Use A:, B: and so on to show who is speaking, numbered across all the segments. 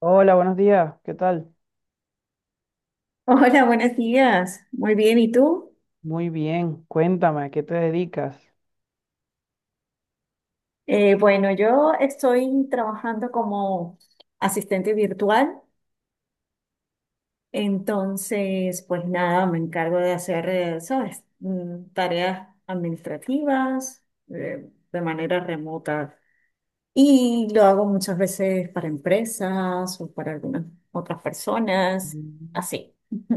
A: Hola, buenos días. ¿Qué tal?
B: Hola, buenos días. Muy bien, ¿y tú?
A: Muy bien. Cuéntame, ¿a qué te dedicas?
B: Bueno, yo estoy trabajando como asistente virtual, entonces, pues nada, me encargo de hacer, ¿sabes? Tareas administrativas, de manera remota. Y lo hago muchas veces para empresas o para algunas otras personas,
A: Mm.
B: así.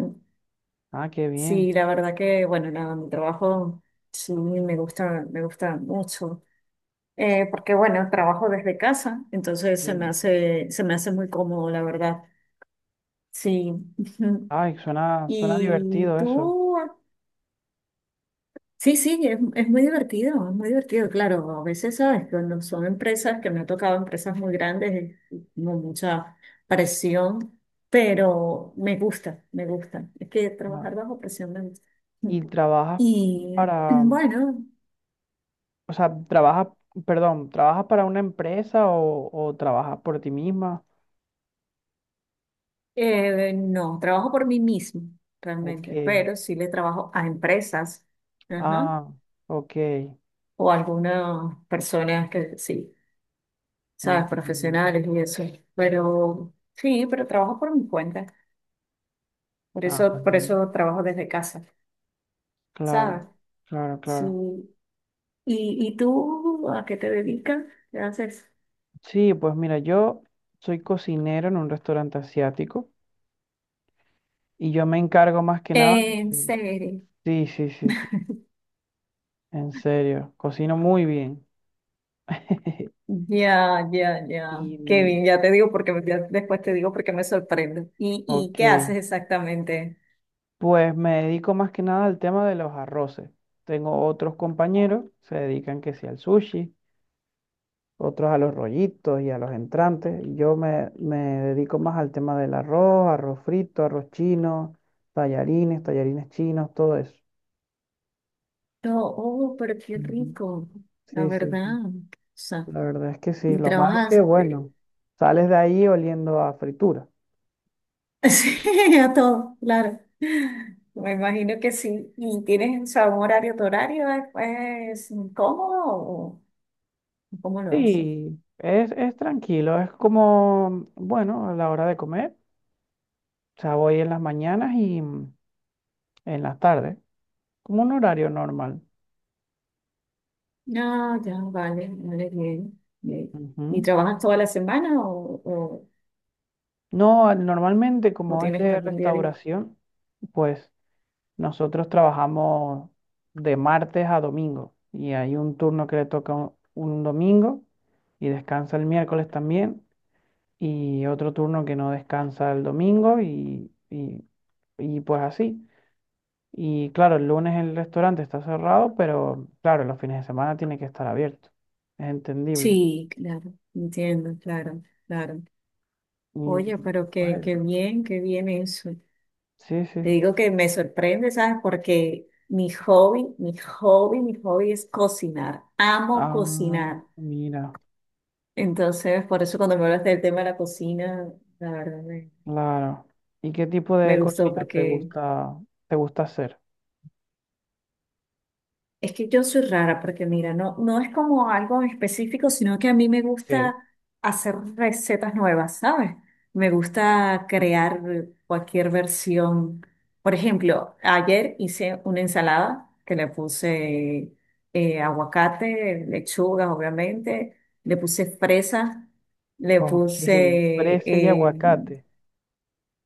A: Ah, qué bien.
B: Sí, la verdad que, bueno, nada, mi trabajo sí me gusta mucho. Porque bueno, trabajo desde casa, entonces se me
A: Sí.
B: hace, se me hace muy cómodo, la verdad. Sí. Ujú.
A: Ay, suena
B: Y
A: divertido eso.
B: tú, sí, sí, es muy divertido, es muy divertido, claro. A veces, ¿sabes? Cuando son empresas que me han tocado, empresas muy grandes, es como mucha presión, pero me gusta, me gusta. Es que
A: Ah,
B: trabajar bajo presión me gusta.
A: ¿y trabajas
B: Y
A: para, o
B: bueno,
A: sea, trabajas, perdón, trabajas para una empresa o trabajas por ti misma?
B: No, trabajo por mí mismo,
A: Ok.
B: realmente, pero sí le trabajo a empresas, ajá,
A: Ah, ok.
B: o a algunas personas que sí, sabes,
A: Entiendo.
B: profesionales y eso. Pero sí, pero trabajo por mi cuenta. Por
A: Ah,
B: eso,
A: pues
B: por
A: bien.
B: eso trabajo desde casa,
A: Claro,
B: ¿sabes?
A: claro, claro.
B: Sí. ¿Y tú a qué te dedicas? ¿Qué haces?
A: Sí, pues mira, yo soy cocinero en un restaurante asiático. Y yo me encargo más que nada
B: En
A: de...
B: serio.
A: Sí, sí, sí, sí. En serio, cocino muy bien.
B: Ya, ya, ya. Qué
A: Y,
B: bien, ya te digo porque ya después te digo porque me sorprende. ¿Y
A: ok,
B: qué haces exactamente?
A: pues me dedico más que nada al tema de los arroces. Tengo otros compañeros, se dedican que sí al sushi, otros a los rollitos y a los entrantes. Y yo me dedico más al tema del arroz, arroz frito, arroz chino, tallarines, tallarines chinos, todo eso.
B: Pero, oh, pero qué
A: Ujú.
B: rico, la
A: Sí, sí, sí.
B: verdad. O sea,
A: La verdad es que sí,
B: y
A: lo malo es que,
B: trabajaste
A: bueno, sales de ahí oliendo a fritura.
B: sí, a todo, claro. Me imagino que sí. ¿Y tienes, o sea, un horario, tu horario es cómodo o cómo lo haces?
A: Sí, es tranquilo, es como, bueno, a la hora de comer, o sea, voy en las mañanas y en las tardes, como un horario normal.
B: No, ya, vale, vale, bien, bien. ¿Y
A: Ujú.
B: trabajas toda la semana o, o,
A: No, normalmente
B: o
A: como es
B: tienes
A: de
B: algún día libre?
A: restauración, pues nosotros trabajamos de martes a domingo y hay un turno que le toca un domingo y descansa el miércoles también. Y otro turno que no descansa el domingo y pues así. Y claro, el lunes el restaurante está cerrado, pero claro, los fines de semana tiene que estar abierto. Es entendible.
B: Sí, claro, entiendo, claro, claro.
A: Y
B: Oye, pero
A: pues
B: qué
A: eso.
B: bien, qué bien eso.
A: Sí,
B: Te
A: sí.
B: digo que me sorprende, ¿sabes? Porque mi hobby es cocinar. Amo
A: Ah,
B: cocinar.
A: mira,
B: Entonces, por eso cuando me hablaste del tema de la cocina, la verdad me,
A: claro. ¿Y qué tipo de
B: me gustó
A: cocina
B: porque.
A: te gusta hacer?
B: Es que yo soy rara porque mira, no, no es como algo en específico, sino que a mí me
A: Ok,
B: gusta hacer recetas nuevas, ¿sabes? Me gusta crear cualquier versión. Por ejemplo, ayer hice una ensalada que le puse aguacate, lechugas, obviamente, le puse fresas, le
A: ok,
B: puse
A: fresa y aguacate.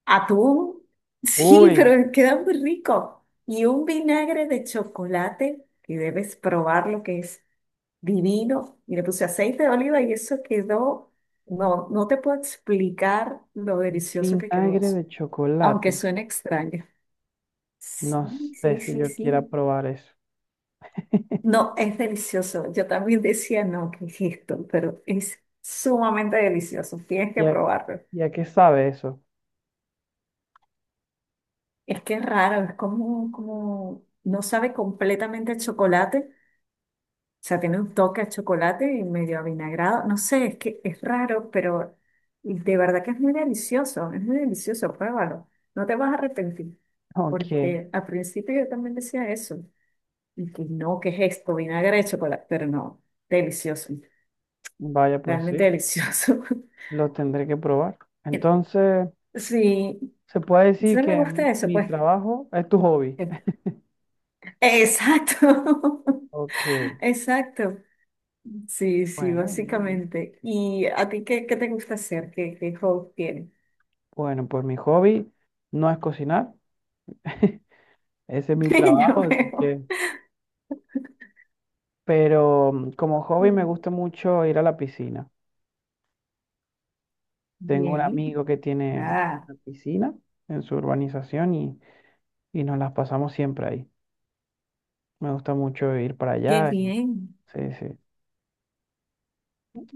B: atún, sí,
A: Uy,
B: pero queda muy rico. Y un vinagre de chocolate, que debes probar lo que es divino. Y le puse aceite de oliva y eso quedó, no, no te puedo explicar lo delicioso que quedó
A: vinagre
B: eso,
A: de
B: aunque
A: chocolate.
B: suene extraño.
A: No
B: Sí,
A: sé
B: sí,
A: si
B: sí,
A: yo quiera
B: sí.
A: probar eso.
B: No, es delicioso. Yo también decía, no, ¿qué es esto? Pero es sumamente delicioso. Tienes
A: ¿Y
B: que
A: a,
B: probarlo.
A: y a qué sabe eso?
B: Es que es raro, es como, no sabe completamente el chocolate, sea, tiene un toque a chocolate y medio avinagrado. No sé, es que es raro, pero de verdad que es muy delicioso, pruébalo. No te vas a arrepentir,
A: Ok,
B: porque al principio yo también decía eso, y que no, ¿qué es esto? Vinagre de chocolate, pero no, delicioso,
A: vaya, pues
B: realmente
A: sí,
B: delicioso.
A: lo tendré que probar. Entonces,
B: Sí,
A: se puede decir
B: sí me
A: que
B: gusta eso,
A: mi
B: pues.
A: trabajo es tu hobby.
B: Exacto,
A: Ok,
B: exacto. Sí, sí,
A: bueno, bien, bien.
B: básicamente. ¿Y a ti qué te gusta hacer? ¿Qué hobby tienes?
A: Bueno, pues mi hobby no es cocinar. Ese es mi
B: Ya
A: trabajo, así
B: veo.
A: que... Pero como hobby me gusta mucho ir a la piscina. Tengo un
B: Bien.
A: amigo que tiene
B: Ah,
A: una piscina en su urbanización y nos las pasamos siempre ahí. Me gusta mucho ir para
B: qué
A: allá.
B: bien.
A: Sí, sí.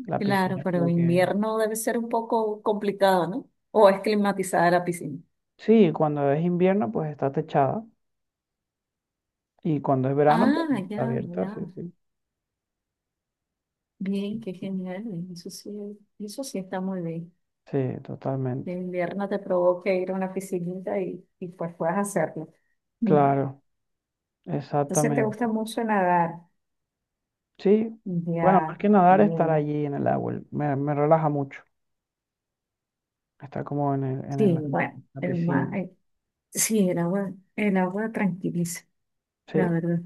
A: La
B: Claro,
A: piscina
B: pero
A: como que...
B: invierno debe ser un poco complicado, ¿no? O es climatizada la piscina.
A: Sí, cuando es invierno pues está techada y cuando es verano pues
B: Ah,
A: está
B: ya,
A: abierta, sí,
B: ya.
A: sí.
B: Bien, qué genial. Eso sí, eso sí está muy bien.
A: Sí,
B: Que
A: totalmente.
B: invierno te provoca ir a una piscinita y pues puedas hacerlo. Mm.
A: Claro,
B: Entonces te gusta
A: exactamente.
B: mucho nadar.
A: Sí, bueno,
B: Ya,
A: más que nadar, estar
B: bien.
A: allí en el agua me relaja mucho. Estar como en
B: Sí,
A: el-
B: bueno,
A: la
B: el mar,
A: piscina.
B: sí, el agua tranquiliza,
A: Sí,
B: la verdad.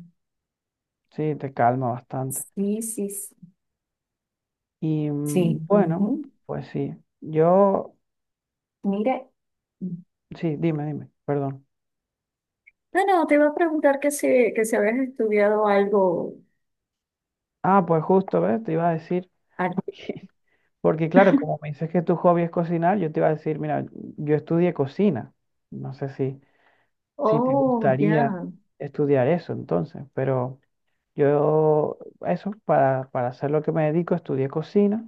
A: sí, te calma bastante.
B: Sí, sí, sí.
A: Y
B: Sí.
A: bueno,
B: Ujú.
A: pues sí, yo,
B: Mira,
A: sí, dime, dime, perdón.
B: no, no, te iba a preguntar que si habías estudiado algo.
A: Ah, pues justo, ¿ves? Te iba a decir.
B: ar-
A: Porque claro, como me dices que tu hobby es cocinar, yo te iba a decir, mira, yo estudié cocina. No sé si, si te
B: Oh,
A: gustaría
B: ya,
A: estudiar eso entonces, pero yo eso, para hacer lo que me dedico, estudié cocina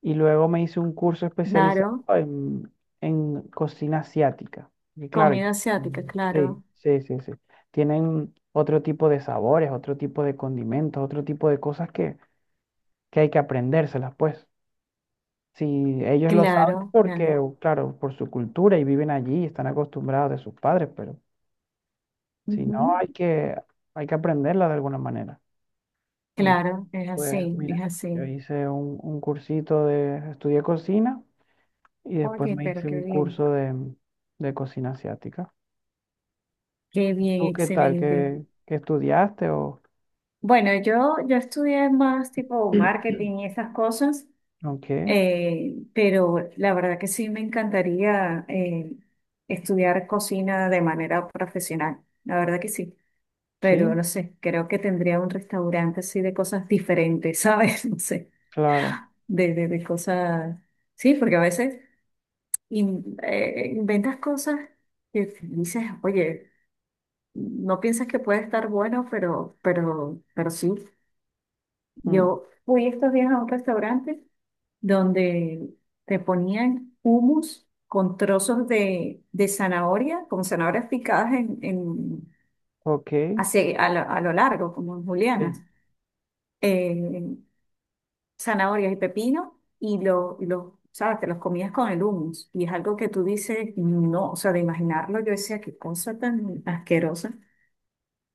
A: y luego me hice un curso especializado
B: claro.
A: en cocina asiática. Y claro, yo-
B: Comida asiática,
A: Mm.
B: claro.
A: Sí, sí, sí, sí. Tienen otro tipo de sabores, otro tipo de condimentos, otro tipo de cosas que hay que aprendérselas, pues. Si ellos lo saben
B: Claro, claro.
A: porque, claro, por su cultura y viven allí, están acostumbrados de sus padres, pero si no,
B: Ujú.
A: hay que aprenderla de alguna manera. Entonces,
B: Claro, es
A: pues
B: así, es
A: mira,
B: así.
A: yo hice un cursito de, estudié cocina y después
B: Oye,
A: me
B: pero
A: hice
B: qué
A: un
B: bien.
A: curso de cocina asiática.
B: Qué bien,
A: ¿Tú qué tal?
B: excelente.
A: ¿Qué, qué estudiaste o,
B: Bueno, yo estudié más tipo marketing y esas cosas.
A: o qué?
B: Pero la verdad que sí me encantaría estudiar cocina de manera profesional, la verdad que sí, pero
A: Sí,
B: no sé, creo que tendría un restaurante así de cosas diferentes, ¿sabes? No sé,
A: claro.
B: de cosas, sí, porque a veces inventas cosas que dices, oye, no piensas que puede estar bueno, pero sí,
A: Mm,
B: yo fui estos días a un restaurante, donde te ponían hummus con trozos de zanahoria, con zanahorias picadas
A: ok,
B: a lo, largo, como en
A: sí.
B: julianas, eh, zanahorias y pepino, ¿sabes? Te los comías con el hummus, y es algo que tú dices, no, o sea, de imaginarlo, yo decía, qué cosa tan asquerosa,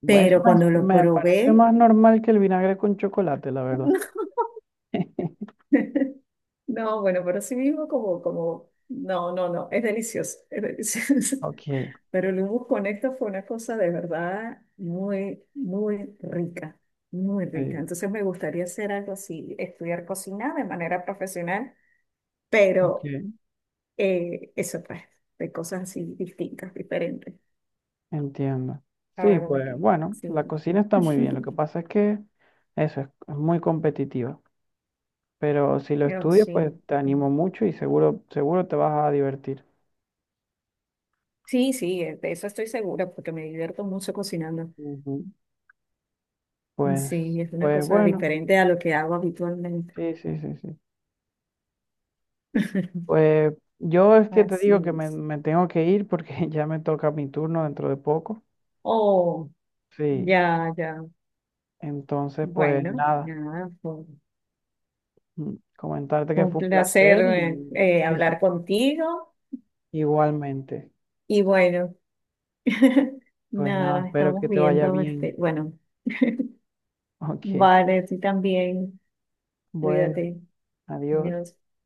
A: Bueno, eso
B: pero
A: me
B: cuando lo
A: me parece
B: probé,
A: más normal que el vinagre con chocolate, la verdad.
B: no, bueno, pero sí mismo como, no, no, no, es delicioso, es delicioso.
A: Ok,
B: Pero el humus con esto fue una cosa de verdad muy, muy rica, muy rica.
A: sí,
B: Entonces me gustaría hacer algo así, estudiar cocina de manera profesional, pero
A: ok,
B: eso pues, de cosas así distintas, diferentes.
A: entiendo.
B: A
A: Sí,
B: ver, ¿de
A: pues
B: qué?
A: bueno, la
B: Sí.
A: cocina está muy bien. Lo que pasa es que eso es muy competitiva. Pero si lo
B: Pero
A: estudias, pues
B: sí.
A: te animo mucho y seguro, seguro te vas a divertir.
B: Sí, sí, de eso estoy segura, porque me divierto mucho cocinando.
A: Ujú. Pues,
B: Sí, es una
A: pues
B: cosa
A: bueno,
B: diferente a lo que hago habitualmente.
A: sí, sí, sí, sí. Pues yo es que te
B: Así
A: digo que me,
B: es.
A: me tengo que ir porque ya me toca mi turno dentro de poco.
B: Oh,
A: Sí,
B: ya, ya.
A: entonces pues
B: Bueno,
A: nada,
B: nada, fue
A: comentarte que
B: un
A: fue un
B: placer
A: placer y
B: hablar
A: sí,
B: contigo
A: igualmente.
B: y bueno,
A: Pues
B: nada,
A: nada,
B: nos
A: espero que
B: estamos
A: te vaya
B: viendo, este,
A: bien.
B: bueno,
A: Ok,
B: vale, tú también,
A: bueno,
B: cuídate,
A: adiós.
B: adiós.